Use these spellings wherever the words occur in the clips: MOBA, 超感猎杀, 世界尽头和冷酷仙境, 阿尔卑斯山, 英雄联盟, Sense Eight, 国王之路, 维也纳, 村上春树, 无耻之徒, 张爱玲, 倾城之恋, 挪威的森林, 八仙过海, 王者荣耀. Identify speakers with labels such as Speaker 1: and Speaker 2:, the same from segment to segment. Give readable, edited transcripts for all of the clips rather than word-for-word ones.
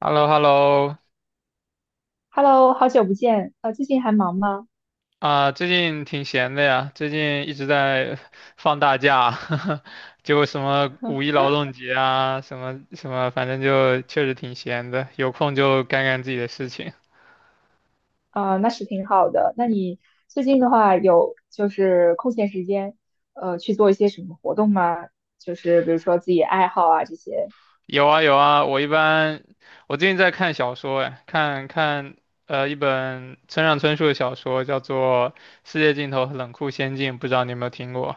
Speaker 1: h e l l o h e l l o
Speaker 2: Hello，好久不见，最近还忙吗？
Speaker 1: 啊，最近挺闲的呀，最近一直在 放大假，就什么五一劳动节啊，什么什么，反正就确实挺闲的，有空就干干自己的事情。
Speaker 2: 啊、那是挺好的。那你最近的话有就是空闲时间，去做一些什么活动吗？就是比如说自己爱好啊这些。
Speaker 1: 有啊有啊，我一般我最近在看小说，哎，看看一本村上春树的小说，叫做《世界尽头和冷酷仙境》，不知道你有没有听过？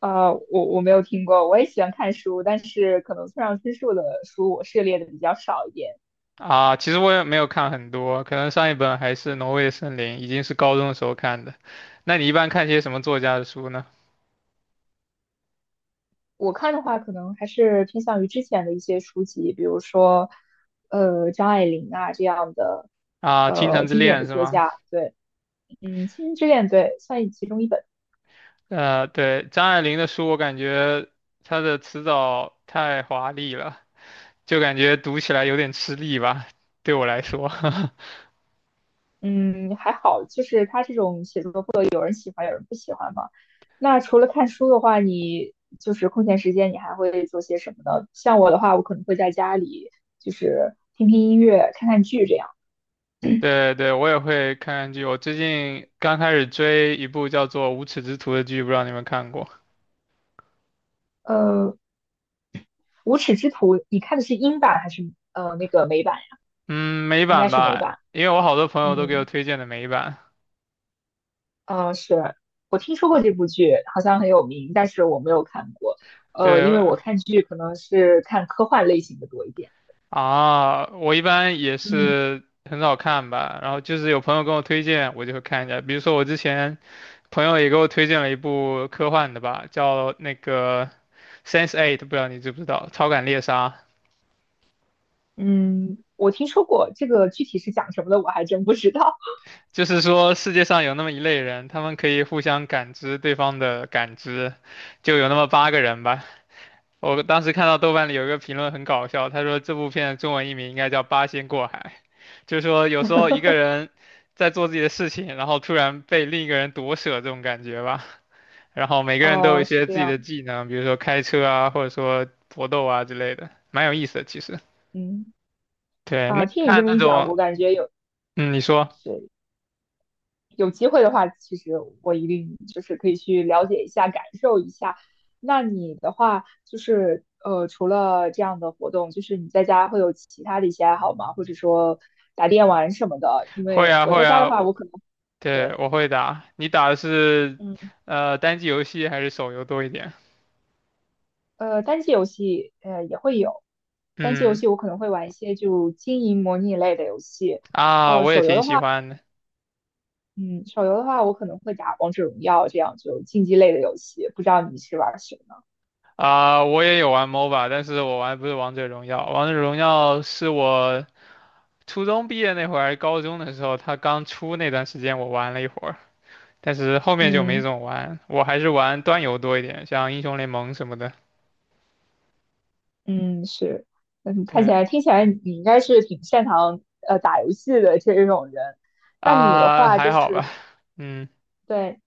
Speaker 2: 我没有听过，我也喜欢看书，但是可能村上春树的书我涉猎的比较少一点。
Speaker 1: 啊，其实我也没有看很多，可能上一本还是《挪威的森林》，已经是高中的时候看的。那你一般看些什么作家的书呢？
Speaker 2: 我看的话，可能还是偏向于之前的一些书籍，比如说，张爱玲啊这样的，
Speaker 1: 啊，《倾城之
Speaker 2: 经典
Speaker 1: 恋》
Speaker 2: 的
Speaker 1: 是
Speaker 2: 作
Speaker 1: 吗？
Speaker 2: 家。对，嗯，《倾城之恋》对，算其中一本。
Speaker 1: 对，张爱玲的书，我感觉她的词藻太华丽了，就感觉读起来有点吃力吧，对我来说。
Speaker 2: 嗯，还好，就是他这种写作不都喜欢，有人不喜欢嘛。那除了看书的话，你就是空闲时间，你还会做些什么呢？像我的话，我可能会在家里就是听听音乐、看看剧这样。
Speaker 1: 对对，我也会看看剧。我最近刚开始追一部叫做《无耻之徒》的剧，不知道你们看过？
Speaker 2: 呃，《无耻之徒》，你看的是英版还是那个美版？
Speaker 1: 嗯，美
Speaker 2: 应该
Speaker 1: 版
Speaker 2: 是美
Speaker 1: 吧，
Speaker 2: 版。
Speaker 1: 因为我好多朋友都给我
Speaker 2: 嗯，
Speaker 1: 推荐的美版。
Speaker 2: 呃，是我听说过这部剧，好像很有名，但是我没有看过。呃，因为
Speaker 1: 对，
Speaker 2: 我看剧可能是看科幻类型的多一点。
Speaker 1: 啊，我一般也
Speaker 2: 嗯。
Speaker 1: 是很少看吧，然后就是有朋友跟我推荐，我就会看一下。比如说我之前朋友也给我推荐了一部科幻的吧，叫那个《s e n s e Eight》,不知道你知不知道，《超感猎杀》。
Speaker 2: 嗯，我听说过这个，具体是讲什么的我还真不知道。
Speaker 1: 就是说世界上有那么一类人，他们可以互相感知对方的感知，就有那么8个人吧。我当时看到豆瓣里有一个评论很搞笑，他说这部片的中文译名应该叫《八仙过海》，就是说有时候一个 人在做自己的事情，然后突然被另一个人夺舍这种感觉吧。然后每个人都有一
Speaker 2: 哦，是
Speaker 1: 些
Speaker 2: 这
Speaker 1: 自己
Speaker 2: 样，
Speaker 1: 的技能，比如说开车啊，或者说搏斗啊之类的，蛮有意思的。其实，
Speaker 2: 嗯。
Speaker 1: 对，那
Speaker 2: 啊，
Speaker 1: 你
Speaker 2: 听你
Speaker 1: 看
Speaker 2: 这么
Speaker 1: 那
Speaker 2: 一讲，
Speaker 1: 种，
Speaker 2: 我感觉
Speaker 1: 嗯，你说
Speaker 2: 是有机会的话，其实我一定就是可以去了解一下，感受一下。那你的话就是除了这样的活动，就是你在家会有其他的一些爱好吗？或者说打电玩什么的？因
Speaker 1: 会
Speaker 2: 为
Speaker 1: 啊
Speaker 2: 我
Speaker 1: 会
Speaker 2: 在家的
Speaker 1: 啊，
Speaker 2: 话，
Speaker 1: 我
Speaker 2: 我可能
Speaker 1: 对
Speaker 2: 对。
Speaker 1: 我会打。你打的是
Speaker 2: 嗯。
Speaker 1: 单机游戏还是手游多一点？
Speaker 2: 单机游戏也会有，单机游
Speaker 1: 嗯
Speaker 2: 戏我可能会玩一些就经营模拟类的游戏，
Speaker 1: 啊，我也
Speaker 2: 手游
Speaker 1: 挺
Speaker 2: 的
Speaker 1: 喜
Speaker 2: 话，
Speaker 1: 欢的。
Speaker 2: 嗯，手游的话我可能会打王者荣耀这样就竞技类的游戏，不知道你是玩什么？
Speaker 1: 啊、我也有玩 MOBA,但是我玩的不是王者荣耀。王者荣耀是我初中毕业那会儿还是高中的时候，它刚出那段时间我玩了一会儿，但是后面就没
Speaker 2: 嗯
Speaker 1: 怎么玩，我还是玩端游多一点，像英雄联盟什么的。
Speaker 2: 嗯，是，嗯，看起
Speaker 1: 对
Speaker 2: 来听起来你应该是挺擅长打游戏的这种人，那你的
Speaker 1: 啊，
Speaker 2: 话
Speaker 1: 还
Speaker 2: 就
Speaker 1: 好
Speaker 2: 是
Speaker 1: 吧。嗯，
Speaker 2: 对。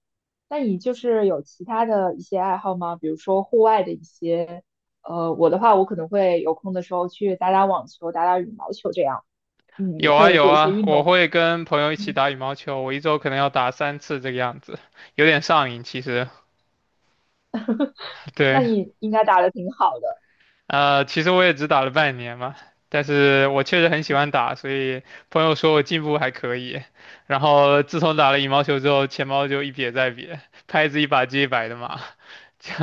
Speaker 2: 那你就是有其他的一些爱好吗？比如说户外的一些，我的话，我可能会有空的时候去打打网球、打打羽毛球这样。嗯，你
Speaker 1: 有啊
Speaker 2: 会
Speaker 1: 有
Speaker 2: 做一些
Speaker 1: 啊，
Speaker 2: 运
Speaker 1: 我
Speaker 2: 动吗？
Speaker 1: 会跟朋友一起
Speaker 2: 嗯。
Speaker 1: 打羽毛球，我一周可能要打3次这个样子，有点上瘾其实。
Speaker 2: 那
Speaker 1: 对，
Speaker 2: 你应该打的挺好的。
Speaker 1: 其实我也只打了半年嘛，但是我确实很喜
Speaker 2: 嗯。
Speaker 1: 欢打，所以朋友说我进步还可以。然后自从打了羽毛球之后，钱包就一瘪再瘪，拍子一把接一把的嘛，就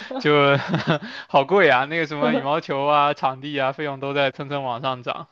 Speaker 1: 就好贵啊！那个什么羽毛球啊、场地啊，费用都在蹭蹭往上涨。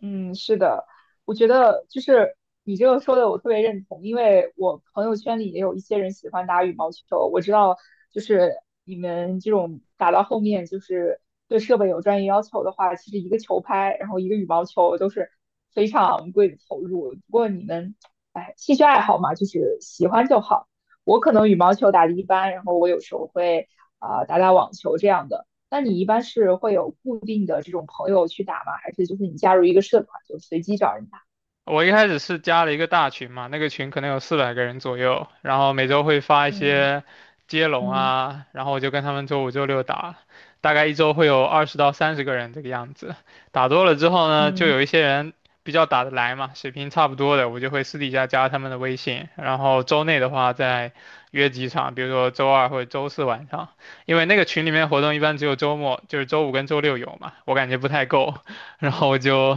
Speaker 2: 嗯，是的，我觉得就是你这个说的我特别认同，因为我朋友圈里也有一些人喜欢打羽毛球，我知道就是你们这种打到后面就是对设备有专业要求的话，其实一个球拍，然后一个羽毛球都是非常昂贵的投入。不过你们，哎，兴趣爱好嘛，就是喜欢就好。我可能羽毛球打得一般，然后我有时候会啊、打打网球这样的。那你一般是会有固定的这种朋友去打吗？还是就是你加入一个社团就随机找人打？
Speaker 1: 我一开始是加了一个大群嘛，那个群可能有400个人左右，然后每周会发一
Speaker 2: 嗯
Speaker 1: 些接龙
Speaker 2: 嗯
Speaker 1: 啊，然后我就跟他们周五、周六打，大概一周会有20到30个人这个样子。打多了之后呢，就
Speaker 2: 嗯
Speaker 1: 有一些人比较打得来嘛，水平差不多的，我就会私底下加他们的微信，然后周内的话再约几场，比如说周二或者周四晚上，因为那个群里面活动一般只有周末，就是周五跟周六有嘛，我感觉不太够，然后我就。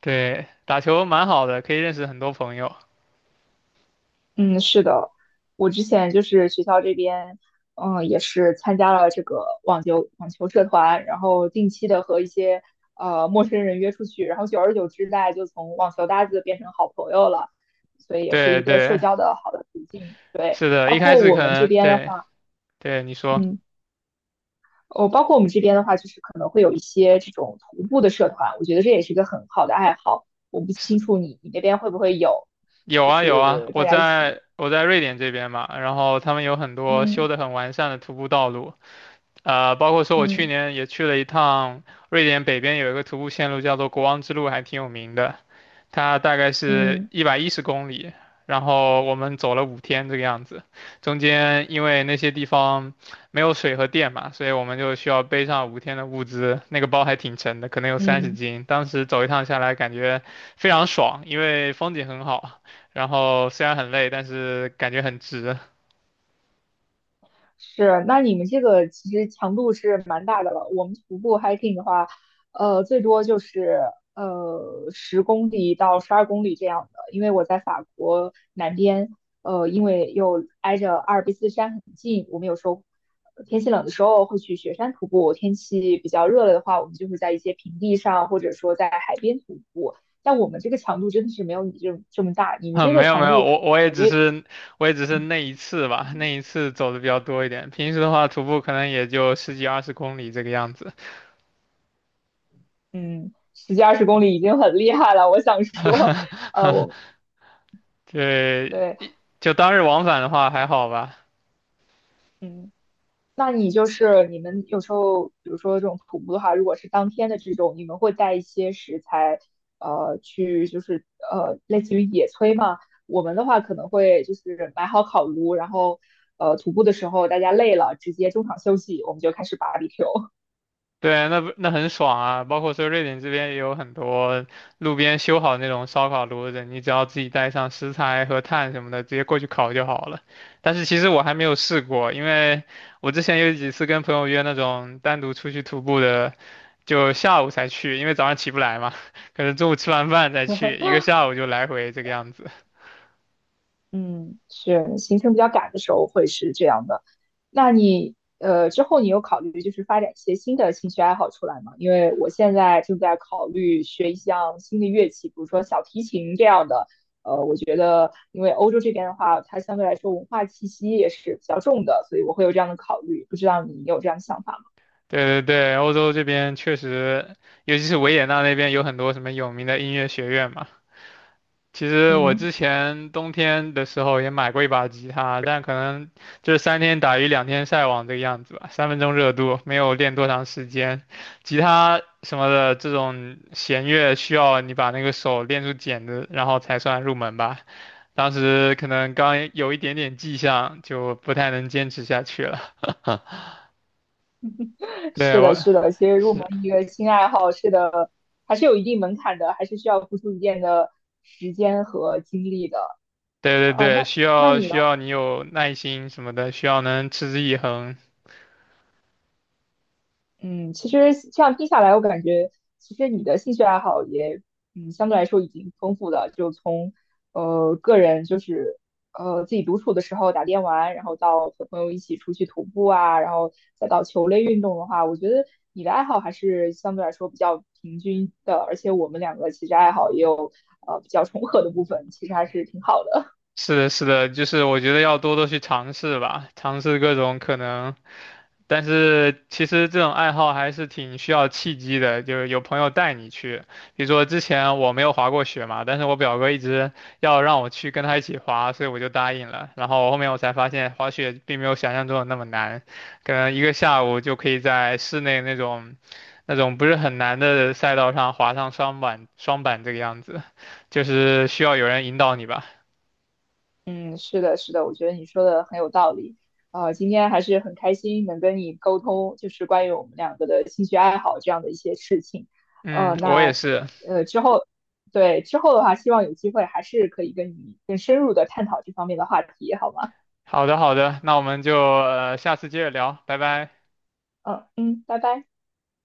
Speaker 1: 对，打球蛮好的，可以认识很多朋友。
Speaker 2: 嗯，是的，我之前就是学校这边，嗯，也是参加了这个网球社团，然后定期的和一些陌生人约出去，然后久而久之，大家就从网球搭子变成好朋友了，所以也是
Speaker 1: 对
Speaker 2: 一个社
Speaker 1: 对，
Speaker 2: 交的好的途径。对，
Speaker 1: 是的，
Speaker 2: 包
Speaker 1: 一开
Speaker 2: 括
Speaker 1: 始
Speaker 2: 我
Speaker 1: 可
Speaker 2: 们这
Speaker 1: 能
Speaker 2: 边的
Speaker 1: 对
Speaker 2: 话，
Speaker 1: 对你说
Speaker 2: 嗯。哦，包括我们这边的话，就是可能会有一些这种徒步的社团，我觉得这也是一个很好的爱好。我不
Speaker 1: 是
Speaker 2: 清楚你那边会不会有，
Speaker 1: 有
Speaker 2: 就
Speaker 1: 啊有啊，
Speaker 2: 是
Speaker 1: 我
Speaker 2: 大家一起，
Speaker 1: 在我在瑞典这边嘛，然后他们有很多
Speaker 2: 嗯
Speaker 1: 修得很完善的徒步道路。包括说我去
Speaker 2: 嗯
Speaker 1: 年也去了一趟瑞典北边有一个徒步线路叫做国王之路，还挺有名的，它大概是
Speaker 2: 嗯
Speaker 1: 110公里，然后我们走了五天这个样子，中间因为那些地方没有水和电嘛，所以我们就需要背上5天的物资，那个包还挺沉的，可能有三十
Speaker 2: 嗯。
Speaker 1: 斤，当时走一趟下来感觉非常爽，因为风景很好，然后虽然很累，但是感觉很值。
Speaker 2: 是，那你们这个其实强度是蛮大的了。我们徒步 hiking 的话，最多就是十公里到12公里这样的。因为我在法国南边，因为又挨着阿尔卑斯山很近，我们有时候天气冷的时候会去雪山徒步，天气比较热了的话，我们就会在一些平地上，或者说在海边徒步。但我们这个强度真的是没有你这么大，你 们
Speaker 1: 啊，
Speaker 2: 这
Speaker 1: 没
Speaker 2: 个
Speaker 1: 有没
Speaker 2: 强
Speaker 1: 有，
Speaker 2: 度。感觉。
Speaker 1: 我也只是那一次吧，那一次走的比较多一点。平时的话，徒步可能也就十几二十公里这个样子。
Speaker 2: 嗯，十几二十公里已经很厉害了。我想说，我
Speaker 1: 对，
Speaker 2: 对，
Speaker 1: 就当日往返的话还好吧。
Speaker 2: 嗯，那你就是你们有时候，比如说这种徒步的话，如果是当天的这种，你们会带一些食材，呃，去就是呃，类似于野炊嘛。我们的话可能会就是买好烤炉，然后徒步的时候大家累了，直接中场休息，我们就开始 barbecue。
Speaker 1: 对，那不那很爽啊！包括说瑞典这边也有很多路边修好那种烧烤炉子，你只要自己带上食材和炭什么的，直接过去烤就好了。但是其实我还没有试过，因为我之前有几次跟朋友约那种单独出去徒步的。就下午才去，因为早上起不来嘛，可能中午吃完饭再去，一个下午就来回这个样子。
Speaker 2: 嗯，是行程比较赶的时候会是这样的。那你之后你有考虑就是发展一些新的兴趣爱好出来吗？因为我现在正在考虑学一项新的乐器，比如说小提琴这样的。我觉得因为欧洲这边的话，它相对来说文化气息也是比较重的，所以我会有这样的考虑。不知道你有这样的想法吗？
Speaker 1: 对对对，欧洲这边确实，尤其是维也纳那边有很多什么有名的音乐学院嘛。其实我
Speaker 2: 嗯，
Speaker 1: 之前冬天的时候也买过一把吉他，但可能就是三天打鱼两天晒网这个样子吧，三分钟热度，没有练多长时间。吉他什么的这种弦乐需要你把那个手练出茧子，然后才算入门吧。当时可能刚有一点点迹象，就不太能坚持下去了。对，
Speaker 2: 是的，
Speaker 1: 我
Speaker 2: 是的，其实入
Speaker 1: 是，
Speaker 2: 门一个新爱好，是的，还是有一定门槛的，还是需要付出一定的时间和精力的。
Speaker 1: 对对
Speaker 2: 呃，
Speaker 1: 对，
Speaker 2: 那
Speaker 1: 需
Speaker 2: 那
Speaker 1: 要
Speaker 2: 你呢？
Speaker 1: 需要你有耐心什么的，需要能持之以恒。
Speaker 2: 嗯，其实这样听下来，我感觉其实你的兴趣爱好也，嗯，相对来说已经丰富了。就从个人就是自己独处的时候打电玩，然后到和朋友一起出去徒步啊，然后再到球类运动的话，我觉得你的爱好还是相对来说比较平均的。而且我们两个其实爱好也有比较重合的部分，其实还是挺好的。
Speaker 1: 是的，是的，就是我觉得要多多去尝试吧，尝试各种可能。但是其实这种爱好还是挺需要契机的，就是有朋友带你去。比如说之前我没有滑过雪嘛，但是我表哥一直要让我去跟他一起滑，所以我就答应了。然后后面我才发现滑雪并没有想象中的那么难，可能一个下午就可以在室内那种不是很难的赛道上滑上双板这个样子，就是需要有人引导你吧。
Speaker 2: 嗯，是的，是的，我觉得你说的很有道理。今天还是很开心能跟你沟通，就是关于我们两个的兴趣爱好这样的一些事情。呃，
Speaker 1: 嗯，我也
Speaker 2: 那
Speaker 1: 是。
Speaker 2: 呃之后，对之后的话，希望有机会还是可以跟你更深入的探讨这方面的话题，好吗？
Speaker 1: 好的，好的，那我们就下次接着聊，拜拜。
Speaker 2: 嗯嗯，拜拜。